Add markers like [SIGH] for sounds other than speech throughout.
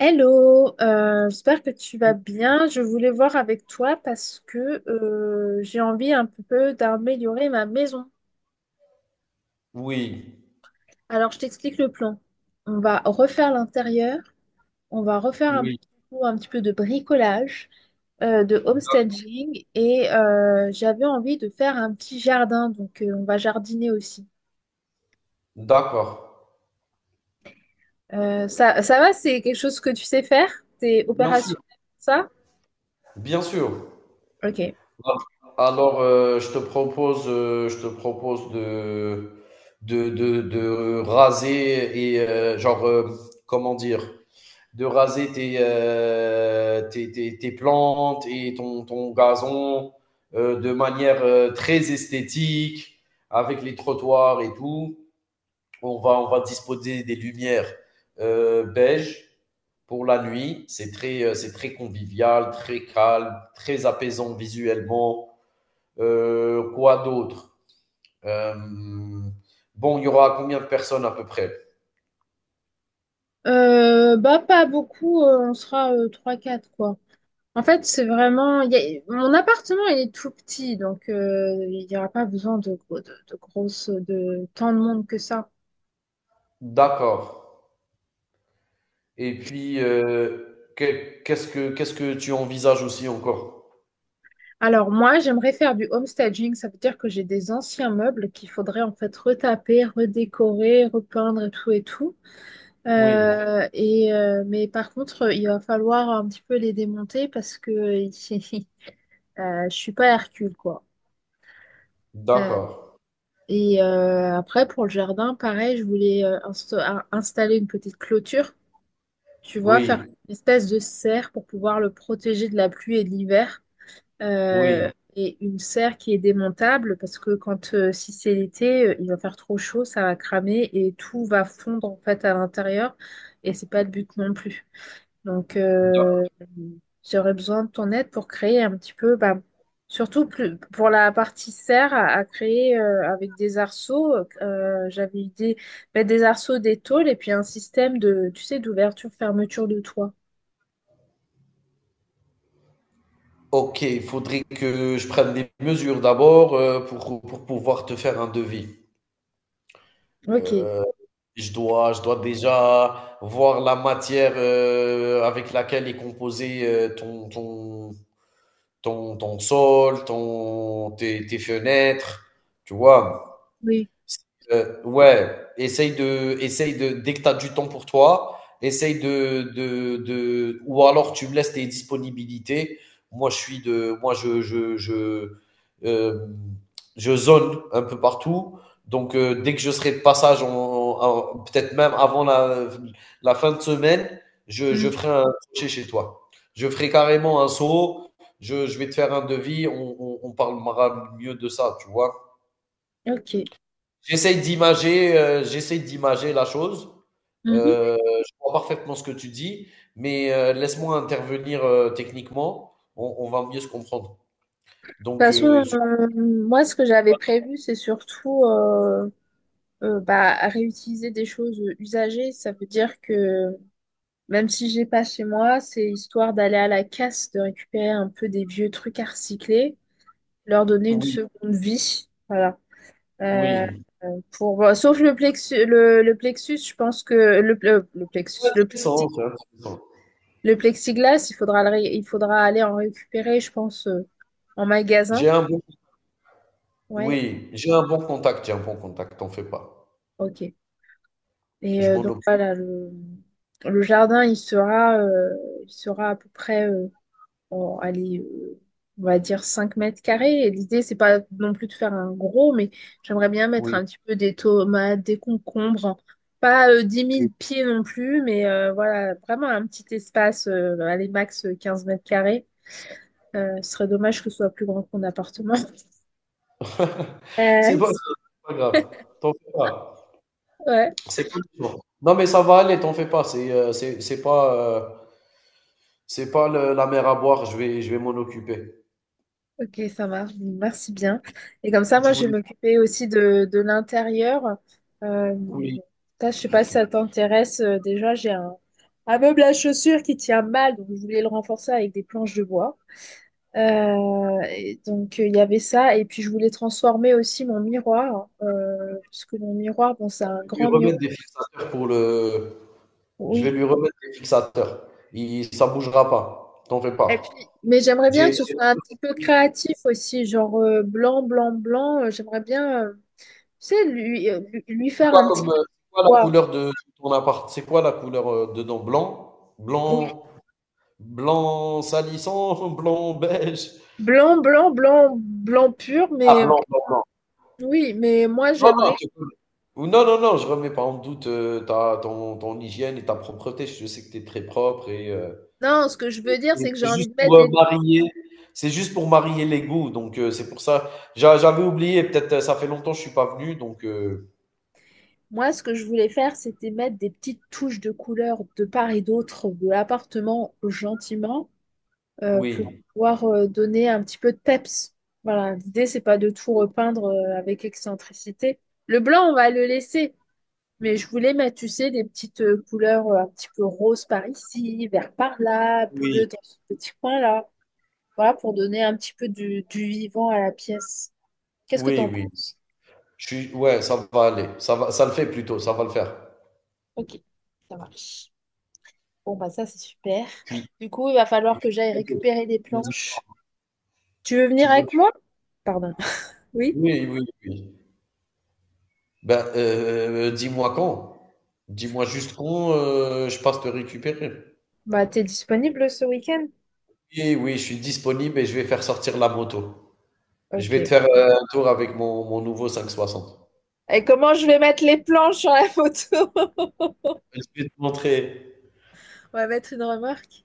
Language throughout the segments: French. Hello, j'espère que tu vas bien. Je voulais voir avec toi parce que j'ai envie un peu d'améliorer ma maison. Oui, Alors, je t'explique le plan. On va refaire l'intérieur, on va refaire un, oui, petit peu un petit peu de bricolage, de homestaging et j'avais envie de faire un petit jardin, donc on va jardiner aussi. d'accord. Ça va, c'est quelque chose que tu sais faire? T'es Bien sûr, opérationnel, ça? bien sûr. Ok. Alors, je te propose de raser et genre, comment dire, de raser tes, tes plantes et ton gazon de manière très esthétique, avec les trottoirs et tout. On va disposer des lumières beige pour la nuit. C'est très convivial, très calme, très apaisant visuellement. Quoi d'autre? Euh, Bon, il y aura combien de personnes à peu près? Bah pas beaucoup, on sera 3-4 quoi. En fait, c'est vraiment mon appartement il est tout petit donc il n'y aura pas besoin de grosses de tant de monde que ça. D'accord. Et puis, qu'est-ce que tu envisages aussi encore? Alors moi, j'aimerais faire du homestaging, ça veut dire que j'ai des anciens meubles qu'il faudrait en fait retaper, redécorer, repeindre et tout et tout. Oui, Mais par contre, il va falloir un petit peu les démonter parce que [LAUGHS] je suis pas Hercule quoi. Euh, d'accord. Et après, pour le jardin, pareil, je voulais installer une petite clôture, tu vois, faire Oui, une espèce de serre pour pouvoir le protéger de la pluie et de l'hiver. Euh, oui. et une serre qui est démontable parce que quand si c'est l'été, il va faire trop chaud, ça va cramer et tout va fondre en fait à l'intérieur. Et c'est pas le but non plus. Donc, D'accord. J'aurais besoin de ton aide pour créer un petit peu, bah, surtout pour la partie serre, à créer avec des arceaux. J'avais idée mettre des arceaux, des tôles et puis un système de, tu sais, d'ouverture-fermeture de toit. Ok, il faudrait que je prenne des mesures d'abord, pour pouvoir te faire un devis. Ok, Heu, je dois déjà voir la matière, avec laquelle est composé, ton sol, ton tes fenêtres, tu vois? oui, Ouais, essaye de, dès que tu as du temps pour toi, essaye de, ou alors tu me laisses tes disponibilités. Moi, euh, je zone un peu partout. Donc, dès que je serai de passage, peut-être même avant la fin de semaine, je oui, ferai un crochet chez toi. Je ferai carrément un saut. Je vais te faire un devis. On parlera mieux de ça, tu vois. ok. J'essaye d'imager la chose. Mhm. De toute Heu, je vois parfaitement ce que tu dis, mais laisse-moi intervenir, techniquement, on va mieux se comprendre. Donc, façon, sur. euh, moi, ce que j'avais prévu, c'est surtout bah, à réutiliser des choses usagées. Ça veut dire que même si j'ai pas chez moi, c'est histoire d'aller à la casse, de récupérer un peu des vieux trucs à recycler, leur donner une Oui, seconde vie. Voilà. Euh, oui, pour... bon, sauf le plexus, je pense que le plexus, le, intéressant, plexi- c'est intéressant. le plexiglas, il faudra, il faudra aller en récupérer, je pense, en magasin. J'ai un bon. Ouais, Oui, j'ai un bon contact, t'en fais pas. ok. Et Je m'en donc occupe, voilà, le jardin, il sera à peu près. En allez, euh, on va dire 5 mètres carrés. Et l'idée, c'est pas non plus de faire un gros, mais j'aimerais bien mettre oui, un petit peu des tomates, des concombres. Hein. Pas 10 oui. 000 pieds non plus, mais voilà, vraiment un petit espace, allez, max 15 mètres carrés. Ce serait dommage que ce soit plus grand que mon appartement. [LAUGHS] Euh, C'est pas grave, t'en fais pas. ouais. C'est pas urgent. Non, mais ça va aller, t'en fais pas, c'est pas, c'est pas le la mer à boire, je vais m'en occuper. Ok, ça marche. Merci bien. Et comme ça, moi, Tu je vais voulais? m'occuper aussi de l'intérieur. Euh, Oui, ça, je sais pas si ça t'intéresse. Déjà, un meuble à chaussures qui tient mal, donc je voulais le renforcer avec des planches de bois. Et donc, il y avait ça. Et puis, je voulais transformer aussi mon miroir, parce que mon miroir, bon, c'est un je vais lui grand miroir. remettre des fixateurs pour le. Je vais Oui. lui remettre des fixateurs. Ça bougera pas. T'en fais Et puis, pas. mais j'aimerais bien J'ai. que ce j'ai- soit un petit peu créatif aussi, genre blanc, blanc, blanc. J'aimerais bien, tu sais, lui C'est faire quoi un petit comme, c'est quoi la waouh, couleur de ton appart? C'est quoi la couleur, dedans? Blanc, oui. blanc, blanc salissant, [LAUGHS] blanc beige. Blanc, blanc, blanc, blanc pur, Ah, mais blanc, blanc, blanc. oui, mais moi Non, non, j'aimerais. Ou non, non, non, je remets pas en doute, ton hygiène et ta propreté. Je sais que tu es très propre. Non, ce que je C'est veux dire, c'est que j'ai c'est envie juste de mettre pour, des. Marier les goûts, donc c'est pour ça. J'avais oublié, peut-être, ça fait longtemps que je suis pas venu, donc. Moi, ce que je voulais faire, c'était mettre des petites touches de couleur de part et d'autre de l'appartement gentiment pour Oui, pouvoir donner un petit peu de peps. Voilà, l'idée, c'est pas de tout repeindre avec excentricité. Le blanc, on va le laisser, mais je voulais mettre, tu sais, des petites couleurs un petit peu rose par ici, vert par là, oui, bleu dans ce petit coin-là. Voilà, pour donner un petit peu du vivant à la pièce. Qu'est-ce que oui, t'en oui. penses? Je suis Ouais, ça va aller, ça le fait plutôt, ça va le faire. Ok, ça marche. Bon, bah ça, c'est super. Tu Du coup, il va Et falloir puis que j'aille quoi d'autre? récupérer des planches. Tu veux Tu venir voulais? avec moi? Pardon. [LAUGHS] Oui. Oui, oui, oui. Ben, dis-moi quand. Dis-moi juste quand, je passe te récupérer. Bah, t'es disponible ce week-end? Oui, oui, je suis disponible et je vais faire sortir la moto. Je vais te Ok. faire, un tour avec mon nouveau 560. Et comment je vais mettre les planches sur la photo? [LAUGHS] On Je vais te montrer. va mettre une remarque.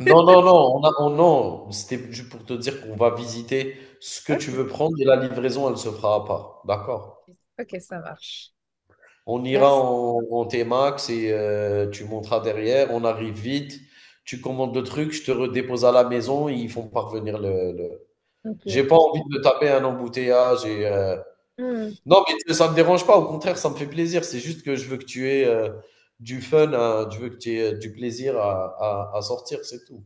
Non, non, non, non. C'était juste pour te dire qu'on va visiter ce que tu veux Ok. prendre et la livraison, elle se fera à part. D'accord? Ok, ok, ça marche. On ira Merci. En T-Max et, tu monteras derrière. On arrive vite. Tu commandes le truc, je te redépose à la maison et ils font parvenir. Ok, J'ai pas ok. envie de me taper un embouteillage. Hmm, Non, mais tu ça me dérange pas, au contraire ça me fait plaisir, c'est juste que je veux que tu aies, je veux que tu aies, du plaisir à sortir, c'est tout.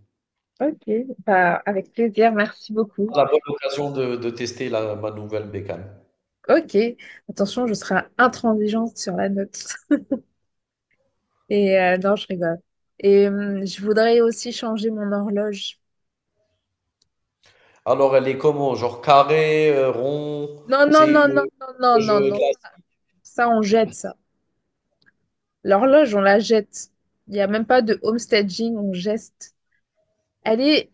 ok, bah, avec plaisir, merci beaucoup. Ah, la bonne occasion de tester la ma nouvelle bécane. Ok, attention, je serai intransigeante sur la note. Et non, je rigole. Et je voudrais aussi changer mon horloge. Alors, elle est comment? Genre carré, rond? Non, non, C'est non, une, non, non, non, non, horloge non. classique? Ça, on jette ça. L'horloge, on la jette. Il n'y a même pas de homestaging, on geste. Elle est...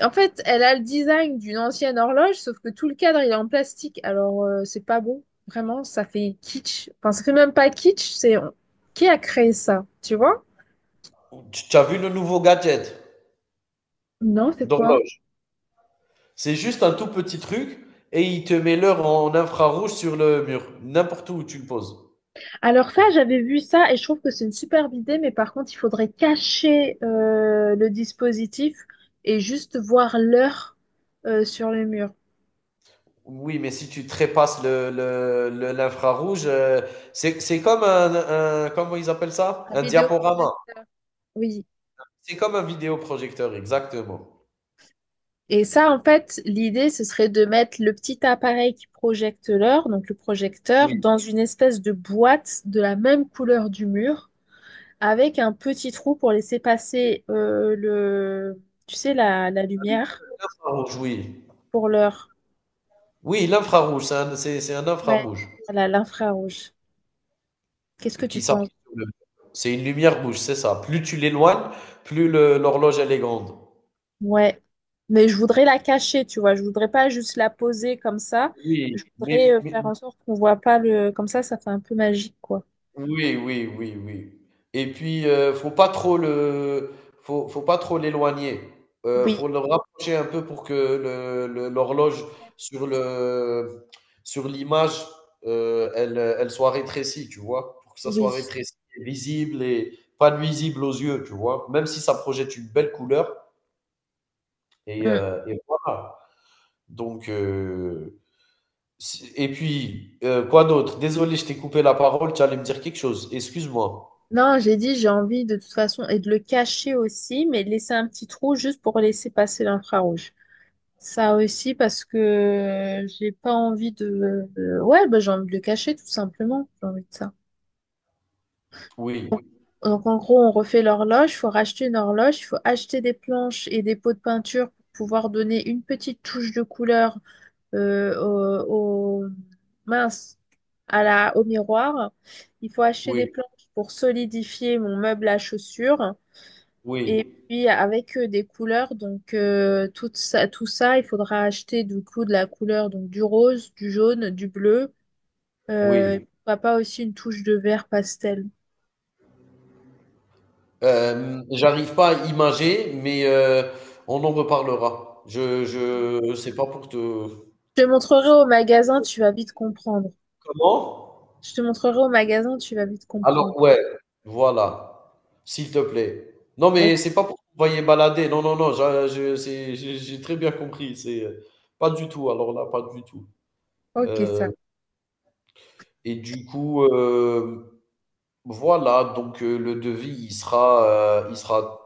En fait, elle a le design d'une ancienne horloge, sauf que tout le cadre, il est en plastique. Alors, c'est pas bon. Vraiment, ça fait kitsch. Enfin, ça fait même pas kitsch, c'est... Qui a créé ça? Tu vois? Tu as vu le nouveau gadget Non, c'est quoi? d'horloge? C'est juste un tout petit truc et il te met l'heure en infrarouge sur le mur, n'importe où tu le poses. Alors ça, j'avais vu ça et je trouve que c'est une superbe idée, mais par contre, il faudrait cacher le dispositif et juste voir l'heure sur le mur. Oui, mais si tu trépasses le l'infrarouge, c'est comme un, comment ils appellent ça? Un Un diaporama. vidéoprojecteur. Oui. C'est comme un vidéoprojecteur, exactement. Et ça, en fait, l'idée, ce serait de mettre le petit appareil qui projette l'heure, donc le projecteur, Oui, dans une espèce de boîte de la même couleur du mur, avec un petit trou pour laisser passer tu sais, la un lumière infrarouge, oui. pour l'heure. Oui, l'infrarouge, c'est un Ouais, infrarouge voilà, l'infrarouge. Qu'est-ce que tu qui penses? s'applique sur le c'est une lumière rouge, c'est ça. Plus tu l'éloignes, plus le l'horloge elle est grande. Ouais, mais je voudrais la cacher, tu vois. Je voudrais pas juste la poser comme ça. Oui, Je voudrais mais mais faire en sorte qu'on voit pas le. Comme ça fait un peu magique, quoi. Oui, oui, oui, oui. Et puis, faut pas trop l'éloigner. Heu, Oui, faut le rapprocher un peu pour que le l'horloge sur le sur l'image, elle soit rétrécie, tu vois? Pour que ça soit oui. rétréci et visible et pas nuisible aux yeux, tu vois? Même si ça projette une belle couleur et Mm. heu et voilà. Donc si et puis, quoi d'autre? Désolé, je t'ai coupé la parole, tu allais me dire quelque chose? Excuse-moi. Non, j'ai dit, j'ai envie de toute façon et de le cacher aussi, mais de laisser un petit trou juste pour laisser passer l'infrarouge. Ça aussi parce que j'ai pas envie ouais, bah, j'ai envie de le cacher tout simplement. J'ai envie de ça. Oui. Donc, en gros, on refait l'horloge, il faut racheter une horloge, il faut acheter des planches et des pots de peinture pour pouvoir donner une petite touche de couleur euh, au, au- mince, au miroir. Il faut acheter des Oui, planches pour solidifier mon meuble à chaussures et oui, puis avec des couleurs. Donc, tout ça, il faudra acheter du coup de la couleur donc du rose, du jaune, du bleu. Et oui. pourquoi pas aussi une touche de vert pastel. J'arrive pas à imager, mais, on en reparlera. Ok. Je C'est pas pour te. Je te montrerai au magasin, tu vas vite comprendre. Comment? Je te montrerai au magasin, tu vas vite Alors, comprendre. ouais, voilà. S'il te plaît. Non, mais Ok. c'est pas pour t'envoyer balader. Non, non, non, j'ai très bien compris. C'est, pas du tout. Alors là, pas du tout. Ok, Euh, ça. et du coup, voilà. Donc, le devis,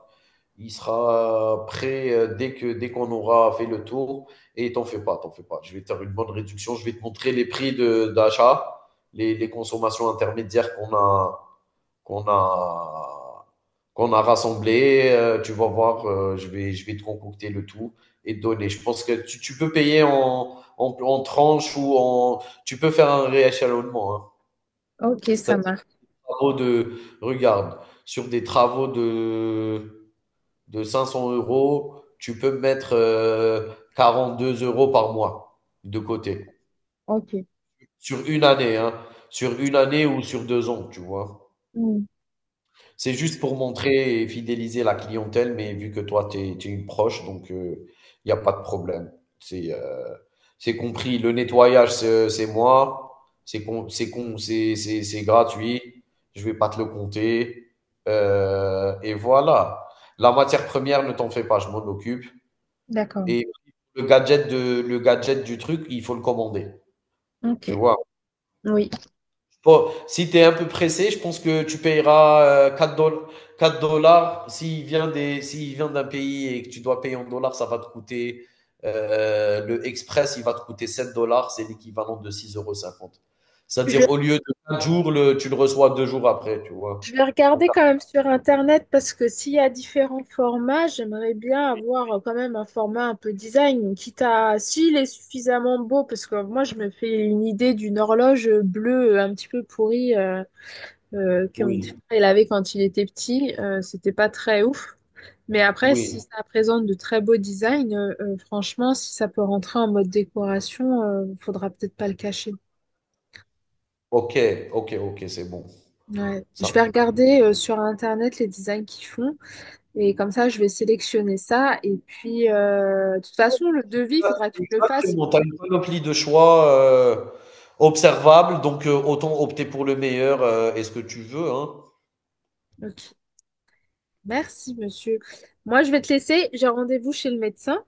il sera prêt, dès qu'on aura fait le tour. Et t'en fais pas, t'en fais pas. Je vais te faire une bonne réduction. Je vais te montrer les prix d'achat, les consommations intermédiaires qu'on a qu'on a rassemblées. Tu vas voir, je vais te concocter le tout et te donner. Je pense que tu peux payer en tranches ou en tu peux faire un rééchelonnement, hein. Ok, ça C'est-à-dire marche. travaux de regarde sur des travaux de 500 euros, tu peux mettre, 42 € par mois de côté. Ok. Sur une année, hein. Sur une année ou sur 2 ans, tu vois. Hmm, C'est juste pour montrer et fidéliser la clientèle, mais vu que toi, tu es, une proche, donc il n'y a pas de problème. C'est euh, c'est compris. Le nettoyage, c'est moi. C'est con- c'est con- c'est gratuit. Je vais pas te le compter. Et voilà. La matière première, ne t'en fais pas, je m'en occupe. d'accord. Et le gadget du truc, il faut le commander, tu Ok. vois? Oui. Bon, si tu es un peu pressé, je pense que tu payeras, 4 $ s'il vient des s'il vient d'un pays et que tu dois payer en dollars, ça va te coûter, le express, il va te coûter 7 dollars, c'est l'équivalent de six euros cinquante. Je, C'est-à-dire au lieu de 4 jours, le tu le reçois 2 jours après, tu je vois? vais En regarder 4. quand même sur Internet parce que s'il y a différents formats, j'aimerais bien avoir quand même un format un peu design, quitte à s'il est suffisamment beau, parce que moi je me fais une idée d'une horloge bleue un petit peu pourrie. Que mon petit Oui, frère il avait quand il était petit, c'était pas très ouf. Mais après, si oui. ça présente de très beaux designs, franchement, si ça peut rentrer en mode décoration, faudra peut-être pas le cacher. OK, OK, OK, c'est bon. Ouais. Ça. Je vais regarder sur Internet les designs qu'ils font et comme ça, je vais sélectionner ça. Et puis, de toute façon, le devis, il faudra que tu me le fasses. Exactement, tu as une panoplie de choix, observables, donc, autant opter pour le meilleur, et ce que tu veux, hein. Ok. Merci, monsieur. Moi, je vais te laisser. J'ai rendez-vous chez le médecin.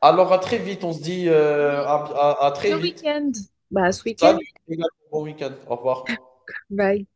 Alors, à très vite, on se dit, Oui, à très ce vite. week-end. Bah, ce week-end. Salut, et bon week-end. Au revoir. Bye.